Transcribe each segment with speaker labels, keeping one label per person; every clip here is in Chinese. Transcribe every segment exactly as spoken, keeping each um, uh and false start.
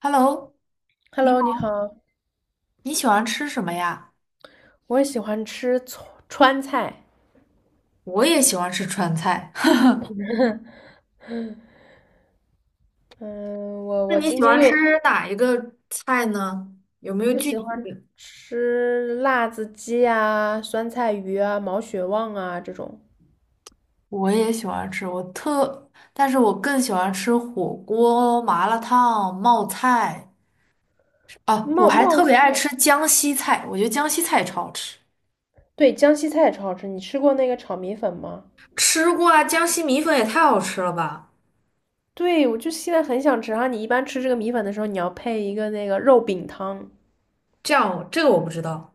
Speaker 1: Hello，你
Speaker 2: Hello，你
Speaker 1: 好，
Speaker 2: 好，
Speaker 1: 你喜欢吃什么呀？
Speaker 2: 我也喜欢吃川川菜。
Speaker 1: 我也喜欢吃川菜，
Speaker 2: 嗯，我
Speaker 1: 那
Speaker 2: 我
Speaker 1: 你
Speaker 2: 今
Speaker 1: 喜
Speaker 2: 天
Speaker 1: 欢吃
Speaker 2: 又
Speaker 1: 哪一个菜呢？有没有
Speaker 2: 我
Speaker 1: 具
Speaker 2: 喜
Speaker 1: 体？
Speaker 2: 欢吃辣子鸡啊、酸菜鱼啊、毛血旺啊这种
Speaker 1: 我也喜欢吃，我特，但是我更喜欢吃火锅、麻辣烫、冒菜。啊，我
Speaker 2: 冒
Speaker 1: 还特
Speaker 2: 冒
Speaker 1: 别
Speaker 2: 菜。
Speaker 1: 爱吃江西菜，我觉得江西菜超好吃。
Speaker 2: 对，江西菜也超好吃。你吃过那个炒米粉吗？
Speaker 1: 吃过啊，江西米粉也太好吃了吧！
Speaker 2: 对，我就现在很想吃。然后你一般吃这个米粉的时候，你要配一个那个肉饼汤。
Speaker 1: 这样，这个我不知道。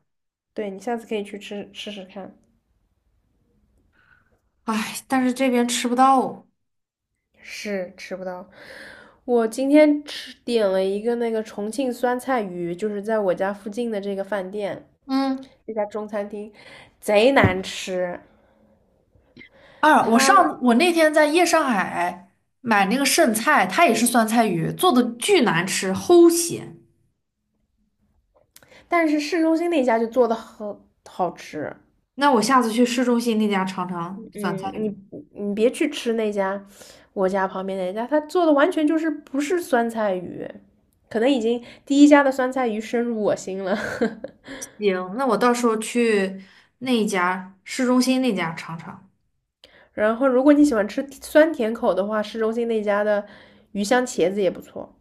Speaker 2: 对，你下次可以去吃试试看。
Speaker 1: 唉，但是这边吃不到。
Speaker 2: 是吃不到。我今天吃点了一个那个重庆酸菜鱼，就是在我家附近的这个饭店，
Speaker 1: 嗯。
Speaker 2: 这家中餐厅，贼难吃。
Speaker 1: 啊，我
Speaker 2: 它，
Speaker 1: 上我那天在夜上海买那个剩菜，它也是酸菜鱼，做的巨难吃，齁咸。
Speaker 2: 但是市中心那家就做的很好吃。
Speaker 1: 那我下次去市中心那家尝尝
Speaker 2: 嗯，
Speaker 1: 酸菜
Speaker 2: 你
Speaker 1: 鱼。
Speaker 2: 你别去吃那家，我家旁边那家，他做的完全就是不是酸菜鱼，可能已经第一家的酸菜鱼深入我心了。
Speaker 1: 行，那我到时候去那一家市中心那家尝尝。
Speaker 2: 然后，如果你喜欢吃酸甜口的话，市中心那家的鱼香茄子也不错。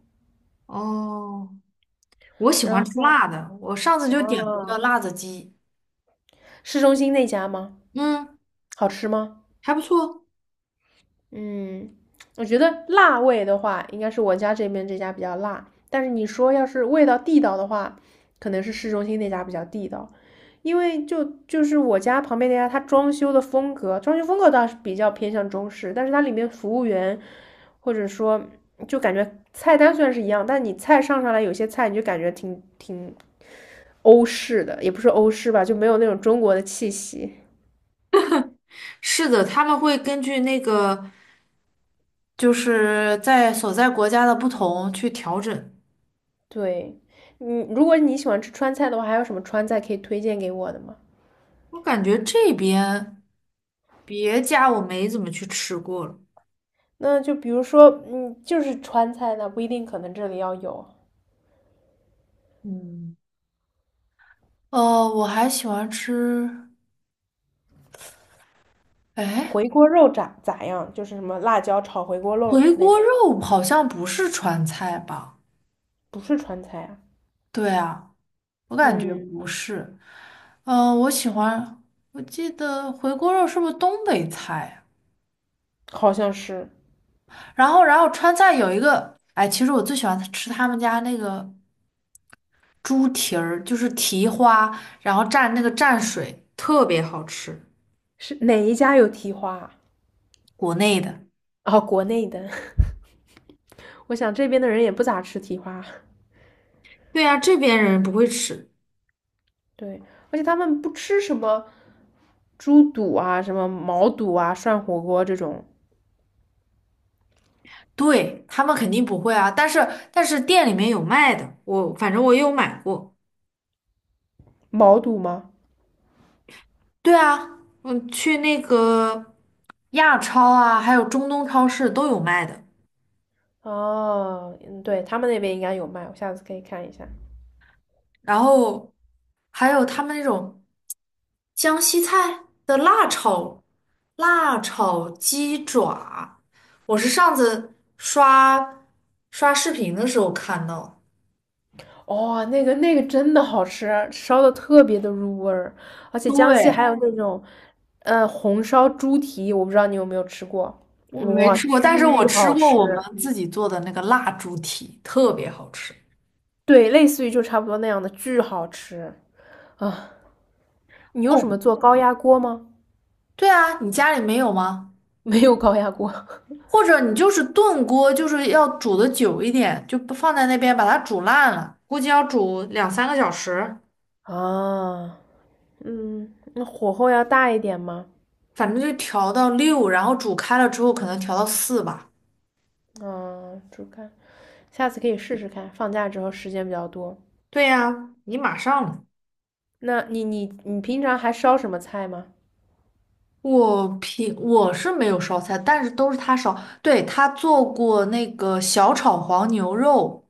Speaker 1: 哦，我喜欢
Speaker 2: 然
Speaker 1: 吃
Speaker 2: 后，
Speaker 1: 辣的，我上次就点了个
Speaker 2: 哦，
Speaker 1: 辣子鸡，
Speaker 2: 市中心那家吗？
Speaker 1: 嗯，
Speaker 2: 好吃吗？
Speaker 1: 还不错。
Speaker 2: 嗯，我觉得辣味的话，应该是我家这边这家比较辣。但是你说要是味道地道的话，可能是市中心那家比较地道，因为就就是我家旁边那家，它装修的风格，装修风格倒是比较偏向中式，但是它里面服务员或者说就感觉菜单虽然是一样，但你菜上上来有些菜你就感觉挺挺欧式的，也不是欧式吧，就没有那种中国的气息。
Speaker 1: 是的，他们会根据那个就是在所在国家的不同去调整。
Speaker 2: 对，嗯，如果你喜欢吃川菜的话，还有什么川菜可以推荐给我的吗？
Speaker 1: 我感觉这边别家我没怎么去吃过了。
Speaker 2: 那就比如说，嗯，就是川菜那不一定可能这里要有
Speaker 1: 嗯，呃，我还喜欢吃，哎，
Speaker 2: 回锅肉咋咋样，就是什么辣椒炒回锅肉
Speaker 1: 回
Speaker 2: 那
Speaker 1: 锅
Speaker 2: 种，
Speaker 1: 肉好像不是川菜吧？
Speaker 2: 不是川菜啊。
Speaker 1: 对啊，我感觉
Speaker 2: 嗯，
Speaker 1: 不是。呃，我喜欢，我记得回锅肉是不是东北菜
Speaker 2: 好像是，
Speaker 1: 呀然后，然后川菜有一个，哎，其实我最喜欢吃他们家那个猪蹄儿，就是蹄花，然后蘸那个蘸水，特别好吃，
Speaker 2: 是哪一家有蹄花啊？
Speaker 1: 国内的。
Speaker 2: 哦，国内的，我想这边的人也不咋吃蹄花。
Speaker 1: 对呀，这边人不会吃，
Speaker 2: 对，而且他们不吃什么猪肚啊、什么毛肚啊、涮火锅这种。
Speaker 1: 对，他们肯定不会啊。但是但是店里面有卖的，我反正我有买过。
Speaker 2: 毛肚吗？
Speaker 1: 对啊，嗯，去那个亚超啊，还有中东超市都有卖的。
Speaker 2: 哦，嗯，对，他们那边应该有卖，我下次可以看一下。
Speaker 1: 然后还有他们那种江西菜的辣炒辣炒鸡爪，我是上次刷刷视频的时候看到。
Speaker 2: 哦，那个那个真的好吃啊，烧的特别的入味儿，而且江西还
Speaker 1: 对。
Speaker 2: 有那种，呃，红烧猪蹄，我不知道你有没有吃过，
Speaker 1: 我没
Speaker 2: 哇，
Speaker 1: 吃过，
Speaker 2: 巨
Speaker 1: 但是我吃
Speaker 2: 好
Speaker 1: 过我们
Speaker 2: 吃。
Speaker 1: 自己做的那个蜡猪蹄，特别好吃。
Speaker 2: 对，类似于就差不多那样的，巨好吃啊！你用
Speaker 1: 哦，
Speaker 2: 什么做高压锅吗？
Speaker 1: 对啊，你家里没有吗？
Speaker 2: 没有高压锅
Speaker 1: 或者你就是炖锅，就是要煮的久一点，就不放在那边把它煮烂了，估计要煮两三个小时，
Speaker 2: 啊，嗯，那火候要大一点吗？
Speaker 1: 反正就调到六，然后煮开了之后可能调到四吧。
Speaker 2: 啊，煮开，下次可以试试看，放假之后时间比较多。
Speaker 1: 对呀，你马上了
Speaker 2: 那你你你平常还烧什么菜吗？
Speaker 1: 我平我是没有烧菜，但是都是他烧。对，他做过那个小炒黄牛肉，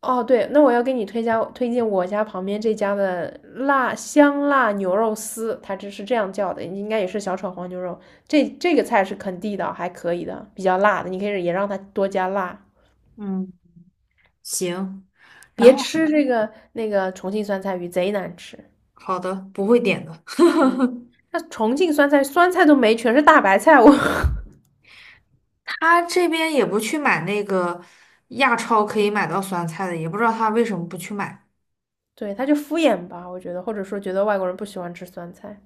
Speaker 2: 哦，对，那我要给你推荐推荐我家旁边这家的辣香辣牛肉丝，它这是这样叫的，应该也是小炒黄牛肉。这这个菜是肯地道，还可以的，比较辣的，你可以也让它多加辣。
Speaker 1: 嗯，行，然
Speaker 2: 别
Speaker 1: 后
Speaker 2: 吃这个那个重庆酸菜鱼，贼难吃。
Speaker 1: 好的，不会点的。
Speaker 2: 嗯，那重庆酸菜酸菜都没，全是大白菜，我
Speaker 1: 他这边也不去买那个亚超可以买到酸菜的，也不知道他为什么不去买。
Speaker 2: 对，他就敷衍吧，我觉得，或者说觉得外国人不喜欢吃酸菜。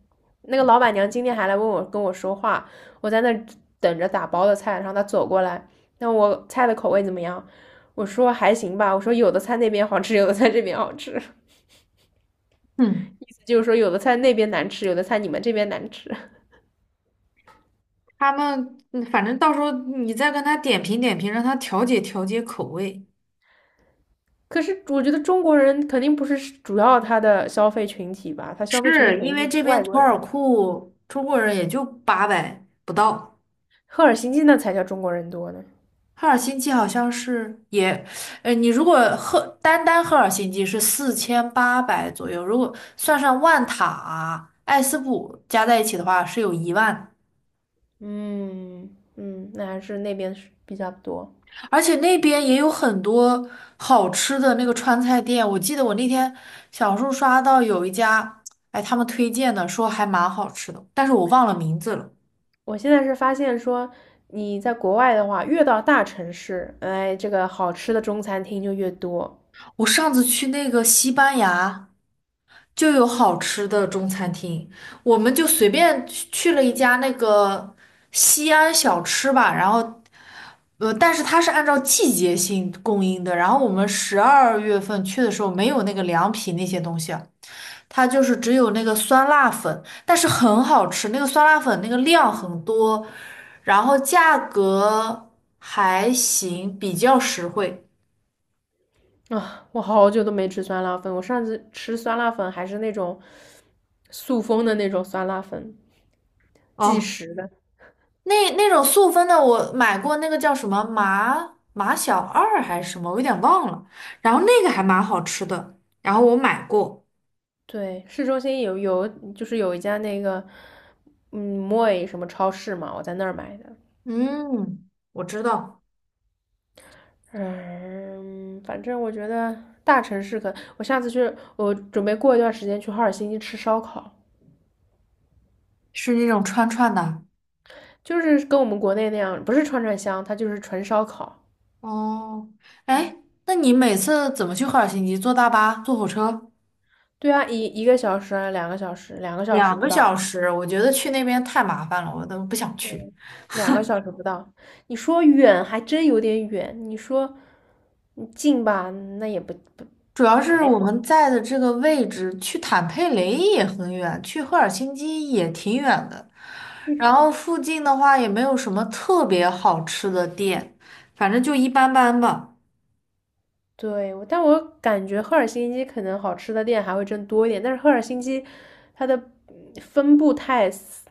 Speaker 2: 那个老板娘今天还来问我跟我说话，我在那等着打包的菜，然后她走过来，那我菜的口味怎么样？我说还行吧，我说有的菜那边好吃，有的菜这边好吃，意
Speaker 1: 嗯，
Speaker 2: 思就是说有的菜那边难吃，有的菜你们这边难吃。
Speaker 1: 他们嗯反正到时候你再跟他点评点评，让他调节调节口味。
Speaker 2: 可是我觉得中国人肯定不是主要他的消费群体吧，他消费群体肯
Speaker 1: 是因
Speaker 2: 定
Speaker 1: 为
Speaker 2: 是
Speaker 1: 这边
Speaker 2: 外
Speaker 1: 图
Speaker 2: 国
Speaker 1: 尔
Speaker 2: 人，
Speaker 1: 库中国人也就八百不到，
Speaker 2: 赫尔辛基那才叫中国人多呢。
Speaker 1: 赫尔辛基好像是也，呃，你如果赫单单赫尔辛基是四千八百左右，如果算上万塔啊、艾斯普加在一起的话，是有一万。
Speaker 2: 嗯嗯，那还是那边是比较多。
Speaker 1: 而且那边也有很多好吃的那个川菜店，我记得我那天小红书刷到有一家，哎，他们推荐的说还蛮好吃的，但是我忘了名字了。
Speaker 2: 我现在是发现说，你在国外的话，越到大城市，哎，这个好吃的中餐厅就越多
Speaker 1: 我上次去那个西班牙就有好吃的中餐厅，我们就随便去去了一家那个西安小吃吧，然后。呃，但是它是按照季节性供应的，然后我们十二月份去的时候没有那个凉皮那些东西，它就是只有那个酸辣粉，但是很好吃，那个酸辣粉那个量很多，然后价格还行，比较实惠。
Speaker 2: 啊！我好久都没吃酸辣粉，我上次吃酸辣粉还是那种速封的那种酸辣粉，即
Speaker 1: 哦，
Speaker 2: 食的。
Speaker 1: 那那种速分的，我买过那个叫什么麻麻小二还是什么，我有点忘了。然后那个还蛮好吃的，然后我买过。
Speaker 2: 对，市中心有有就是有一家那个，嗯，moi 什么超市嘛，我在那儿买的。
Speaker 1: 嗯，我知道，
Speaker 2: 嗯，反正我觉得大城市可，我下次去，我准备过一段时间去哈尔辛基吃烧烤。
Speaker 1: 是那种串串的。
Speaker 2: 就是跟我们国内那样，不是串串香，它就是纯烧烤。
Speaker 1: 哦，哎，
Speaker 2: 嗯，
Speaker 1: 那你每次怎么去赫尔辛基？坐大巴，坐火车？
Speaker 2: 对啊，一一个小时啊，两个小时，两个小时
Speaker 1: 两
Speaker 2: 不
Speaker 1: 个小
Speaker 2: 到，
Speaker 1: 时，我觉得去那边太麻烦了，我都不想去。
Speaker 2: 嗯，两个小时不到。你说远还真有点远，你说你近吧，那也不不
Speaker 1: 主要是
Speaker 2: 还
Speaker 1: 我们
Speaker 2: 好。
Speaker 1: 在的这个位置，去坦佩雷也很远，去赫尔辛基也挺远的。然
Speaker 2: 就
Speaker 1: 后附近的话也没有什么特别好吃的店，反正就一般般吧。
Speaker 2: 对我但我感觉赫尔辛基可能好吃的店还会真多一点，但是赫尔辛基它的嗯分布太死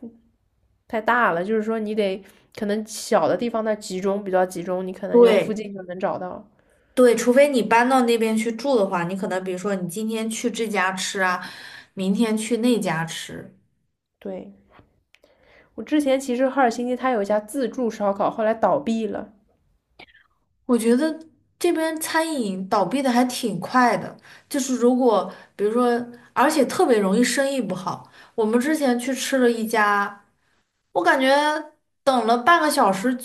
Speaker 2: 太大了，就是说你得可能小的地方它集中比较集中，你可能就附
Speaker 1: 对
Speaker 2: 近就能找到。
Speaker 1: 对，除非你搬到那边去住的话，你可能比如说你今天去这家吃啊，明天去那家吃。
Speaker 2: 对，我之前其实赫尔辛基它有一家自助烧烤，后来倒闭了。
Speaker 1: 我觉得这边餐饮倒闭的还挺快的，就是如果比如说，而且特别容易生意不好。我们之前去吃了一家，我感觉等了半个小时，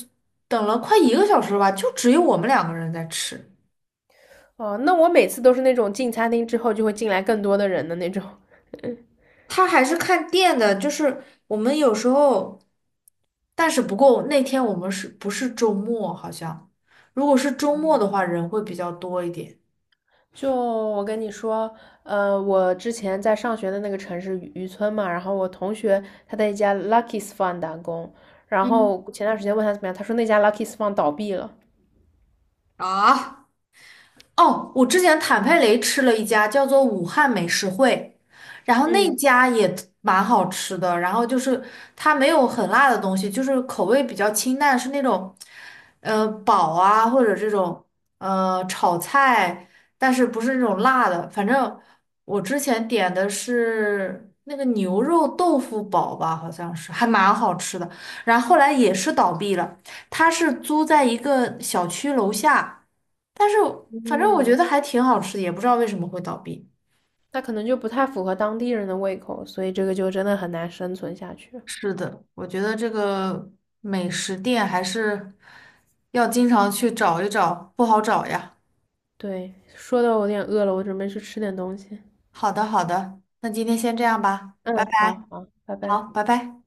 Speaker 1: 等了快一个小时吧，就只有我们两个人在吃。
Speaker 2: 哦，那我每次都是那种进餐厅之后就会进来更多的人的那种。
Speaker 1: 他还是看店的，就是我们有时候，但是不过那天我们是不是周末？好像如果是周末的话，人会比较多一点。
Speaker 2: 就我跟你说，呃，我之前在上学的那个城市渔村嘛，然后我同学他在一家 Lucky's Fun 打工，然
Speaker 1: 嗯，
Speaker 2: 后前段时间问他怎么样，他说那家 Lucky's Fun 倒闭了。
Speaker 1: 啊。哦，我之前坦佩雷吃了一家叫做武汉美食会，然后那
Speaker 2: 嗯
Speaker 1: 家也蛮好吃的，然后就是它没有很辣的东西，就是口味比较清淡，是那种呃煲啊或者这种呃炒菜，但是不是那种辣的。反正我之前点的是那个牛肉豆腐煲吧，好像是还蛮好吃的，然后后来也是倒闭了，它是租在一个小区楼下。但是反正我觉
Speaker 2: 嗯，
Speaker 1: 得还挺好吃的，也不知道为什么会倒闭。
Speaker 2: 那可能就不太符合当地人的胃口，所以这个就真的很难生存下去。
Speaker 1: 是的，我觉得这个美食店还是要经常去找一找，不好找呀。
Speaker 2: 对，说的我有点饿了，我准备去吃点东西。
Speaker 1: 好的，好的，那今天先这样吧，拜拜。
Speaker 2: 嗯，好好，拜
Speaker 1: 好，
Speaker 2: 拜。
Speaker 1: 拜拜。